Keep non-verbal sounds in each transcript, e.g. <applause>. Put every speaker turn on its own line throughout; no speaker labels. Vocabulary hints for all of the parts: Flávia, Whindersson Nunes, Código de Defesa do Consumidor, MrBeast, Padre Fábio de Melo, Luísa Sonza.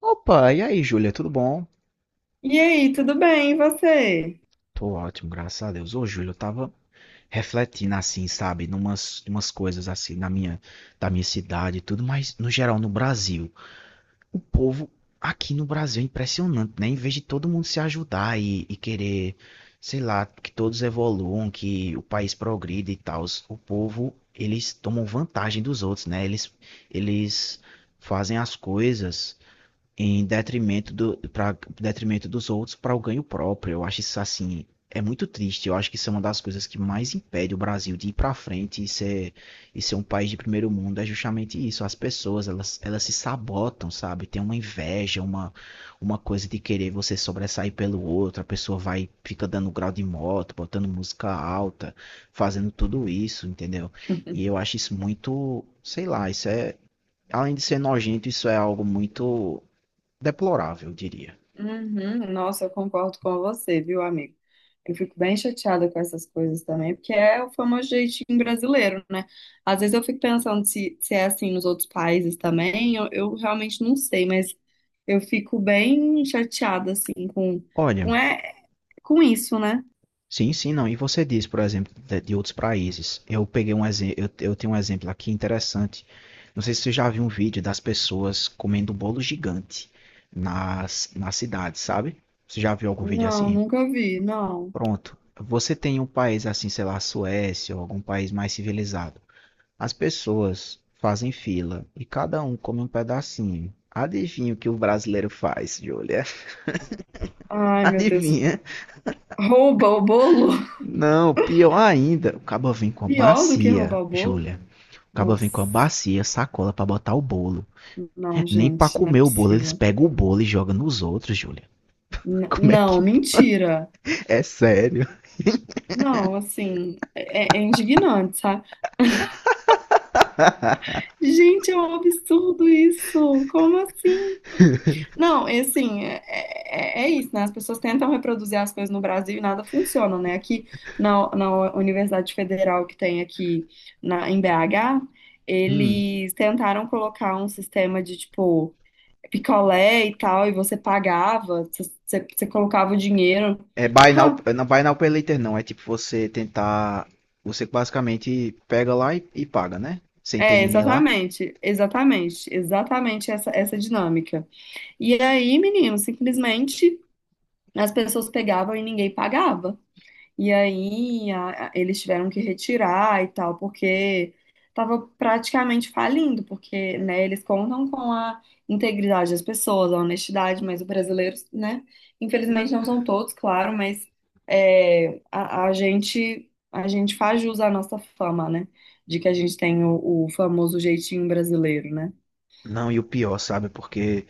Opa, e aí, Júlia, tudo bom?
E aí, tudo bem? E você?
Tô ótimo, graças a Deus. Ô, Júlia, eu tava refletindo assim, sabe, numas coisas assim da minha cidade e tudo, mas no geral no Brasil, o povo aqui no Brasil é impressionante, né? Em vez de todo mundo se ajudar e querer, sei lá, que todos evoluam, que o país progrida e tal, o povo, eles tomam vantagem dos outros, né? Eles fazem as coisas em detrimento dos outros para o ganho próprio. Eu acho isso assim, é muito triste. Eu acho que isso é uma das coisas que mais impede o Brasil de ir para frente e ser, um país de primeiro mundo. É justamente isso. As pessoas, elas se sabotam, sabe? Tem uma inveja, uma coisa de querer você sobressair pelo outro. A pessoa vai, fica dando grau de moto, botando música alta, fazendo tudo isso, entendeu? E eu acho isso muito, sei lá, isso é. Além de ser nojento, isso é algo muito deplorável, eu diria.
Uhum, nossa, eu concordo com você, viu, amigo? Eu fico bem chateada com essas coisas também, porque é o famoso jeitinho brasileiro, né? Às vezes eu fico pensando se é assim nos outros países também, eu realmente não sei, mas eu fico bem chateada, assim,
Olha,
com, é, com isso, né?
sim, sim, não. E você diz, por exemplo, de outros países. Eu peguei um exemplo, eu tenho um exemplo aqui interessante. Não sei se você já viu um vídeo das pessoas comendo um bolo gigante na cidade, sabe? Você já viu algum vídeo
Não,
assim?
nunca vi, não.
Pronto. Você tem um país assim, sei lá, Suécia ou algum país mais civilizado. As pessoas fazem fila e cada um come um pedacinho. Adivinha o que o brasileiro faz, Júlia? <laughs>
Ai, meu Deus,
Adivinha?
rouba o bolo?
Não, pior ainda, o caba vem com
<laughs>
a
Pior do que
bacia,
roubar o bolo?
Júlia. O caba
Nossa,
vem com a bacia, sacola pra botar o bolo.
não,
Nem pra
gente, não é
comer o bolo, eles
possível.
pegam o bolo e jogam nos outros, Júlia. <laughs> Como é
Não,
que.
mentira.
É sério.
Não, assim, é indignante, sabe? Gente, é um absurdo isso. Como assim? Não, e assim, é isso, né? As pessoas tentam reproduzir as coisas no Brasil e nada funciona, né? Aqui na Universidade Federal que tem aqui em BH,
Hum.
eles tentaram colocar um sistema de, tipo, picolé e tal, e você pagava, você colocava o dinheiro.
É buy now,
<laughs>
não buy now pay later não, é tipo você tentar, você basicamente pega lá e paga, né? Sem ter
É,
ninguém lá.
exatamente, exatamente, exatamente essa dinâmica. E aí, menino, simplesmente as pessoas pegavam e ninguém pagava. E aí eles tiveram que retirar e tal, porque estava praticamente falindo, porque, né, eles contam com a integridade das pessoas, a honestidade, mas os brasileiros, né, infelizmente não são todos, claro, mas é, a, a gente faz jus à nossa fama, né, de que a gente tem o famoso jeitinho brasileiro, né?
Não, e o pior, sabe? Porque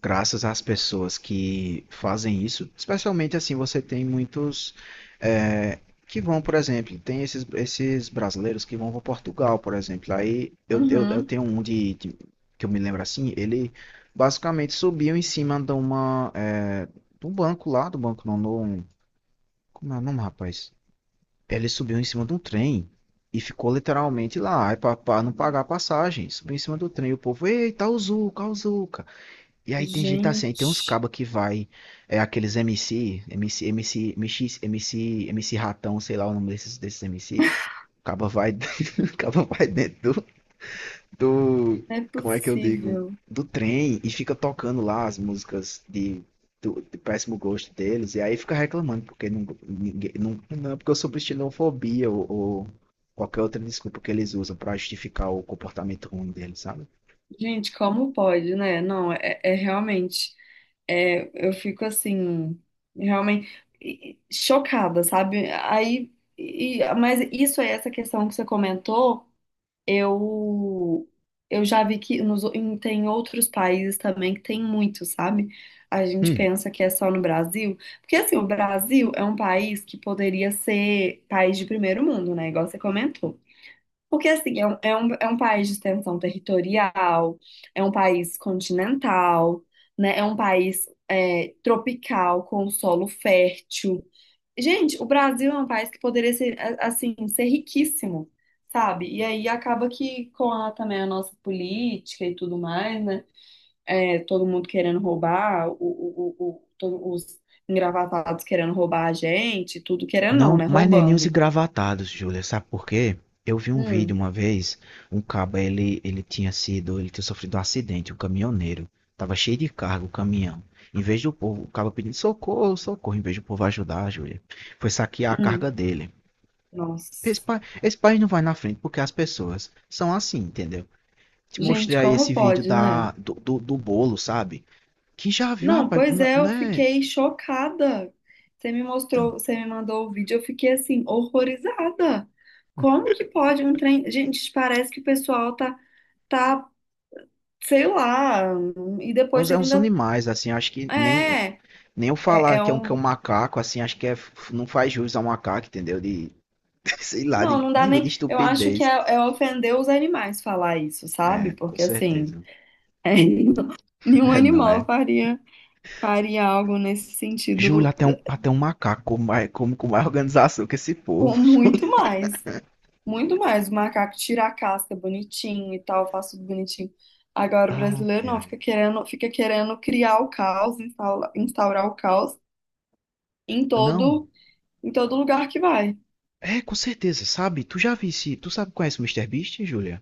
graças às pessoas que fazem isso, especialmente assim, você tem muitos é, que vão, por exemplo, tem esses brasileiros que vão para Portugal, por exemplo. Aí eu, eu
Uhum.
tenho um que eu me lembro assim, ele basicamente subiu em cima de de um banco lá, do banco não, não, como é o nome, rapaz? Ele subiu em cima de um trem. E ficou literalmente lá, para não pagar a passagem. Subiu em cima do trem. E o povo, eita, o Zuca, o Zuca. E aí tem gente assim, aí tem uns
Gente,
cabas que vai, é aqueles MC Ratão, sei lá o nome desses MC. O caba vai, <laughs> o caba vai dentro do,
não é
como é que eu digo,
possível.
do trem e fica tocando lá as músicas de péssimo gosto deles. E aí fica reclamando porque não, ninguém, não porque eu sou xenofobia ou qualquer outra desculpa que eles usam pra justificar o comportamento ruim deles, sabe?
Gente, como pode, né? Não, é é realmente. É, eu fico assim, realmente chocada, sabe? Aí, mas isso é essa questão que você comentou. Eu, eu já vi que tem outros países também que tem muito, sabe? A gente
Hum.
pensa que é só no Brasil, porque assim, o Brasil é um país que poderia ser país de primeiro mundo, né? Igual você comentou. Porque, assim, é um país de extensão territorial, é um país continental, né? É um país é, tropical, com solo fértil. Gente, o Brasil é um país que poderia ser, assim, ser riquíssimo, sabe? E aí acaba que com a, também a nossa política e tudo mais, né? É, todo mundo querendo roubar, os engravatados querendo roubar a gente, tudo querendo não,
Não,
né?
mas nem os
Roubando.
engravatados, Júlia, sabe por quê? Eu vi um vídeo
Hum,
uma vez, um cabo, ele tinha sofrido um acidente, um caminhoneiro, tava cheio de carga o caminhão. Em vez do povo, o cabo pedindo socorro, socorro, em vez do povo ajudar, Júlia, foi saquear a
hum,
carga dele. Esse,
nossa.
pa- esse país não vai na frente porque as pessoas são assim, entendeu? Te
Gente,
mostrei aí
como
esse vídeo
pode, né?
do bolo, sabe? Que já viu,
Não,
rapaz,
pois
não,
é,
não
eu
é...
fiquei chocada. Você me
Então,
mostrou, você me mandou o vídeo, eu fiquei assim, horrorizada. Como que pode um trem. Gente, parece que o pessoal tá, sei lá, e
é
depois
uns, é uns
ainda.
animais, assim, acho que nem.
É,
Nem eu falar
é
que é um que é
um.
um macaco, assim, acho que é, não faz jus ao macaco, entendeu? De, <laughs> sei lá,
Não,
de
não dá
nível de
nem. Eu acho que
estupidez.
é ofender os animais falar isso, sabe?
É, com
Porque assim,
certeza.
é, <laughs>
<laughs>
nenhum
É, não
animal
é.
faria, faria algo nesse
Júlio,
sentido
até um macaco como com mais organização que esse
com
povo.
muito mais. Muito mais. O macaco tira a casca bonitinho e tal, faz tudo bonitinho. Agora o
Ai,
brasileiro não,
ai.
fica querendo criar o caos, instaurar o caos em
Não.
todo, em todo lugar que vai.
É, com certeza, sabe? Tu já vi se tu sabe, conhece o MrBeast, Júlia?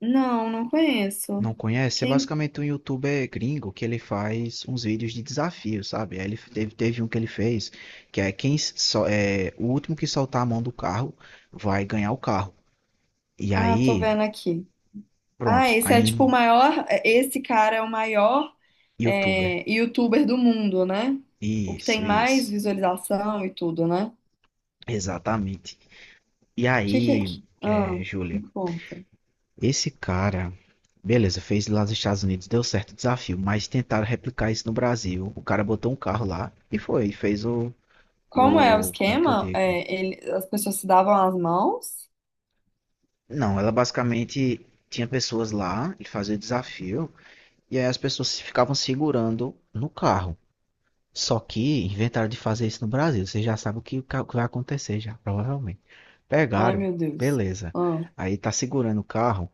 Não, não conheço.
Não conhece? É
Quem?
basicamente um youtuber gringo que ele faz uns vídeos de desafio, sabe? Aí ele teve um que ele fez, que é quem só é o último que soltar a mão do carro vai ganhar o carro. E
Ah, tô
aí,
vendo aqui. Ah,
pronto,
esse é tipo o
aí
maior. Esse cara é o maior
youtuber.
é, youtuber do mundo, né? O que
Isso,
tem mais
isso.
visualização e tudo, né?
Exatamente. E aí,
Ah, me
Júlia,
conta.
esse cara, beleza, fez lá nos Estados Unidos, deu certo o desafio, mas tentaram replicar isso no Brasil. O cara botou um carro lá e fez o,
Como é o
o, como é que eu
esquema?
digo?
É, as pessoas se davam as mãos?
Não, ela basicamente tinha pessoas lá, ele fazia o desafio, e aí as pessoas ficavam segurando no carro. Só que inventaram de fazer isso no Brasil. Você já sabe o que, o que vai acontecer já, provavelmente.
Ai,
Pegaram,
meu Deus.
beleza.
Ah,
Aí tá segurando o carro,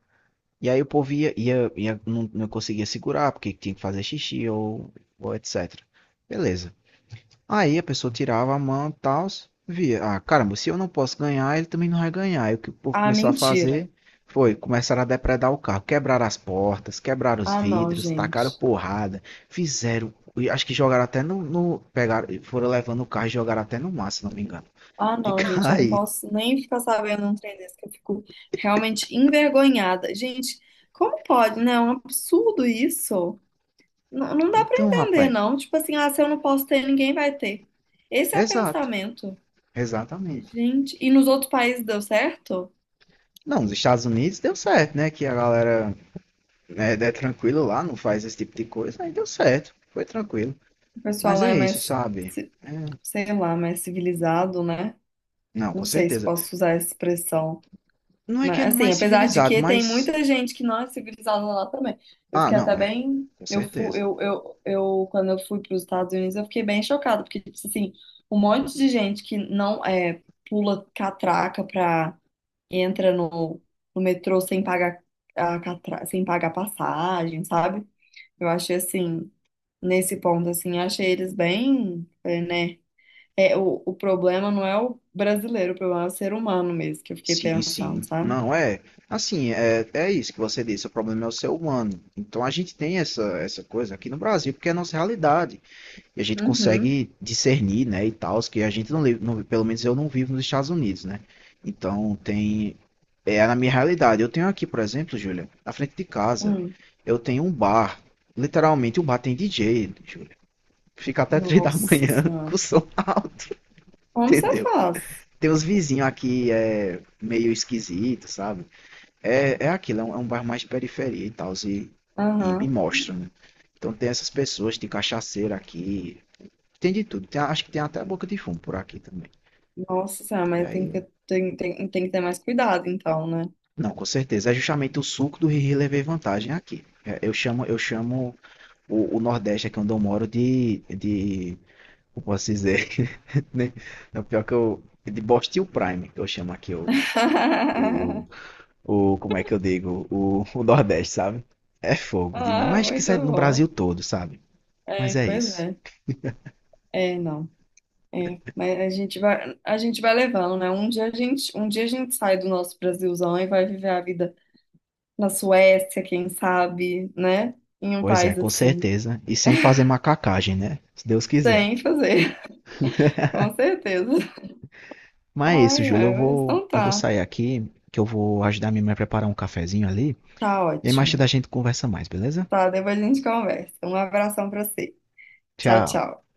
e aí o povo não conseguia segurar, porque tinha que fazer xixi ou etc. Beleza. Aí a pessoa tirava a mão e tal, via, ah, caramba, se eu não posso ganhar, ele também não vai ganhar. E o que o povo
Ah,
começou a
mentira.
fazer foi, começaram a depredar o carro, quebraram as portas, quebraram os
Ah, não,
vidros, tacaram
gente.
porrada, fizeram, e acho que jogaram até pegaram, foram levando o carro e jogaram até no mar, se não me engano,
Ah,
<laughs> de
não, gente, eu não
cair.
posso nem ficar sabendo um trem desse, que eu fico realmente envergonhada. Gente, como pode, né? É um absurdo isso. Não, não dá pra
Então,
entender,
rapaz,
não. Tipo assim, ah, se eu não posso ter, ninguém vai ter. Esse é o
exato,
pensamento.
exatamente.
Gente, e nos outros países deu certo?
Não, nos Estados Unidos deu certo, né, que a galera né, é tranquilo lá, não faz esse tipo de coisa, aí deu certo, foi tranquilo.
O pessoal
Mas
lá
é
é
isso,
mais,
sabe?
ci-
É.
sei lá, mais civilizado, né?
Não,
Não
com
sei se
certeza.
posso usar essa expressão.
Não é que é
Mas, assim,
mais
apesar de
civilizado,
que tem
mas.
muita gente que não é civilizada lá também. Eu
Ah,
fiquei até
não, é.
bem.
Com
Eu, fu,
certeza.
eu, quando eu fui para os Estados Unidos, eu fiquei bem chocada, porque, tipo assim, um monte de gente que não é, pula catraca pra, entra no, no metrô sem pagar sem pagar passagem, sabe? Eu achei, assim, nesse ponto, assim, eu achei eles bem, é, né? É, o problema não é o brasileiro, o problema é o ser humano mesmo, que eu fiquei
Sim,
pensando,
sim.
sabe?
Não, é. Assim, é, é isso que você disse. O problema é o ser humano. Então a gente tem essa coisa aqui no Brasil, porque é a nossa realidade. E a gente
Uhum.
consegue discernir, né, e tal, que a gente não, não, pelo menos eu não vivo nos Estados Unidos, né? Então tem é na minha realidade. Eu tenho aqui, por exemplo, Júlia, na frente de casa,
Hum,
eu tenho um bar. Literalmente o bar tem DJ, Júlia. Fica até três da
nossa
manhã <laughs>
senhora.
com o som alto,
Como você
entendeu?
faz?
Tem os vizinhos aqui é meio esquisito, sabe? É, é aquilo, é um bar mais de periferia e tal, e me
Aham.
mostra, né? Então tem essas pessoas, de cachaceiro aqui, tem de tudo. Acho que tem até a boca de fumo por aqui também.
Nossa senhora,
E
mas tem
aí.
que ter, tem que ter mais cuidado, então, né?
Não, com certeza. É justamente o suco do Riri levei vantagem aqui. É, Eu chamo o Nordeste aqui onde eu moro de. Como posso dizer? <laughs> né? É o pior que eu. De Bostil Prime, que eu chamo aqui o. o,
<laughs>
o como é que eu digo? O Nordeste, sabe? É fogo demais.
Ah,
Mas que
muito
sai no Brasil
bom.
todo, sabe?
É,
Mas é
pois
isso.
é. É, não. É, mas a gente vai levando, né? Um dia a gente sai do nosso Brasilzão e vai viver a vida na Suécia, quem sabe, né? Em um
Pois é,
país
com
assim.
certeza. E sem fazer macacagem, né? Se Deus quiser.
Sem fazer, <laughs> com certeza.
Mas é isso,
Ai,
Júlio. Eu
ai, mas
vou,
então
eu vou
tá.
sair aqui, que eu vou ajudar minha mãe a preparar um cafezinho ali.
Tá
E aí mais
ótimo.
tarde a gente conversa mais, beleza?
Tá, depois a gente conversa. Um abração pra você. Tchau,
Tchau.
tchau.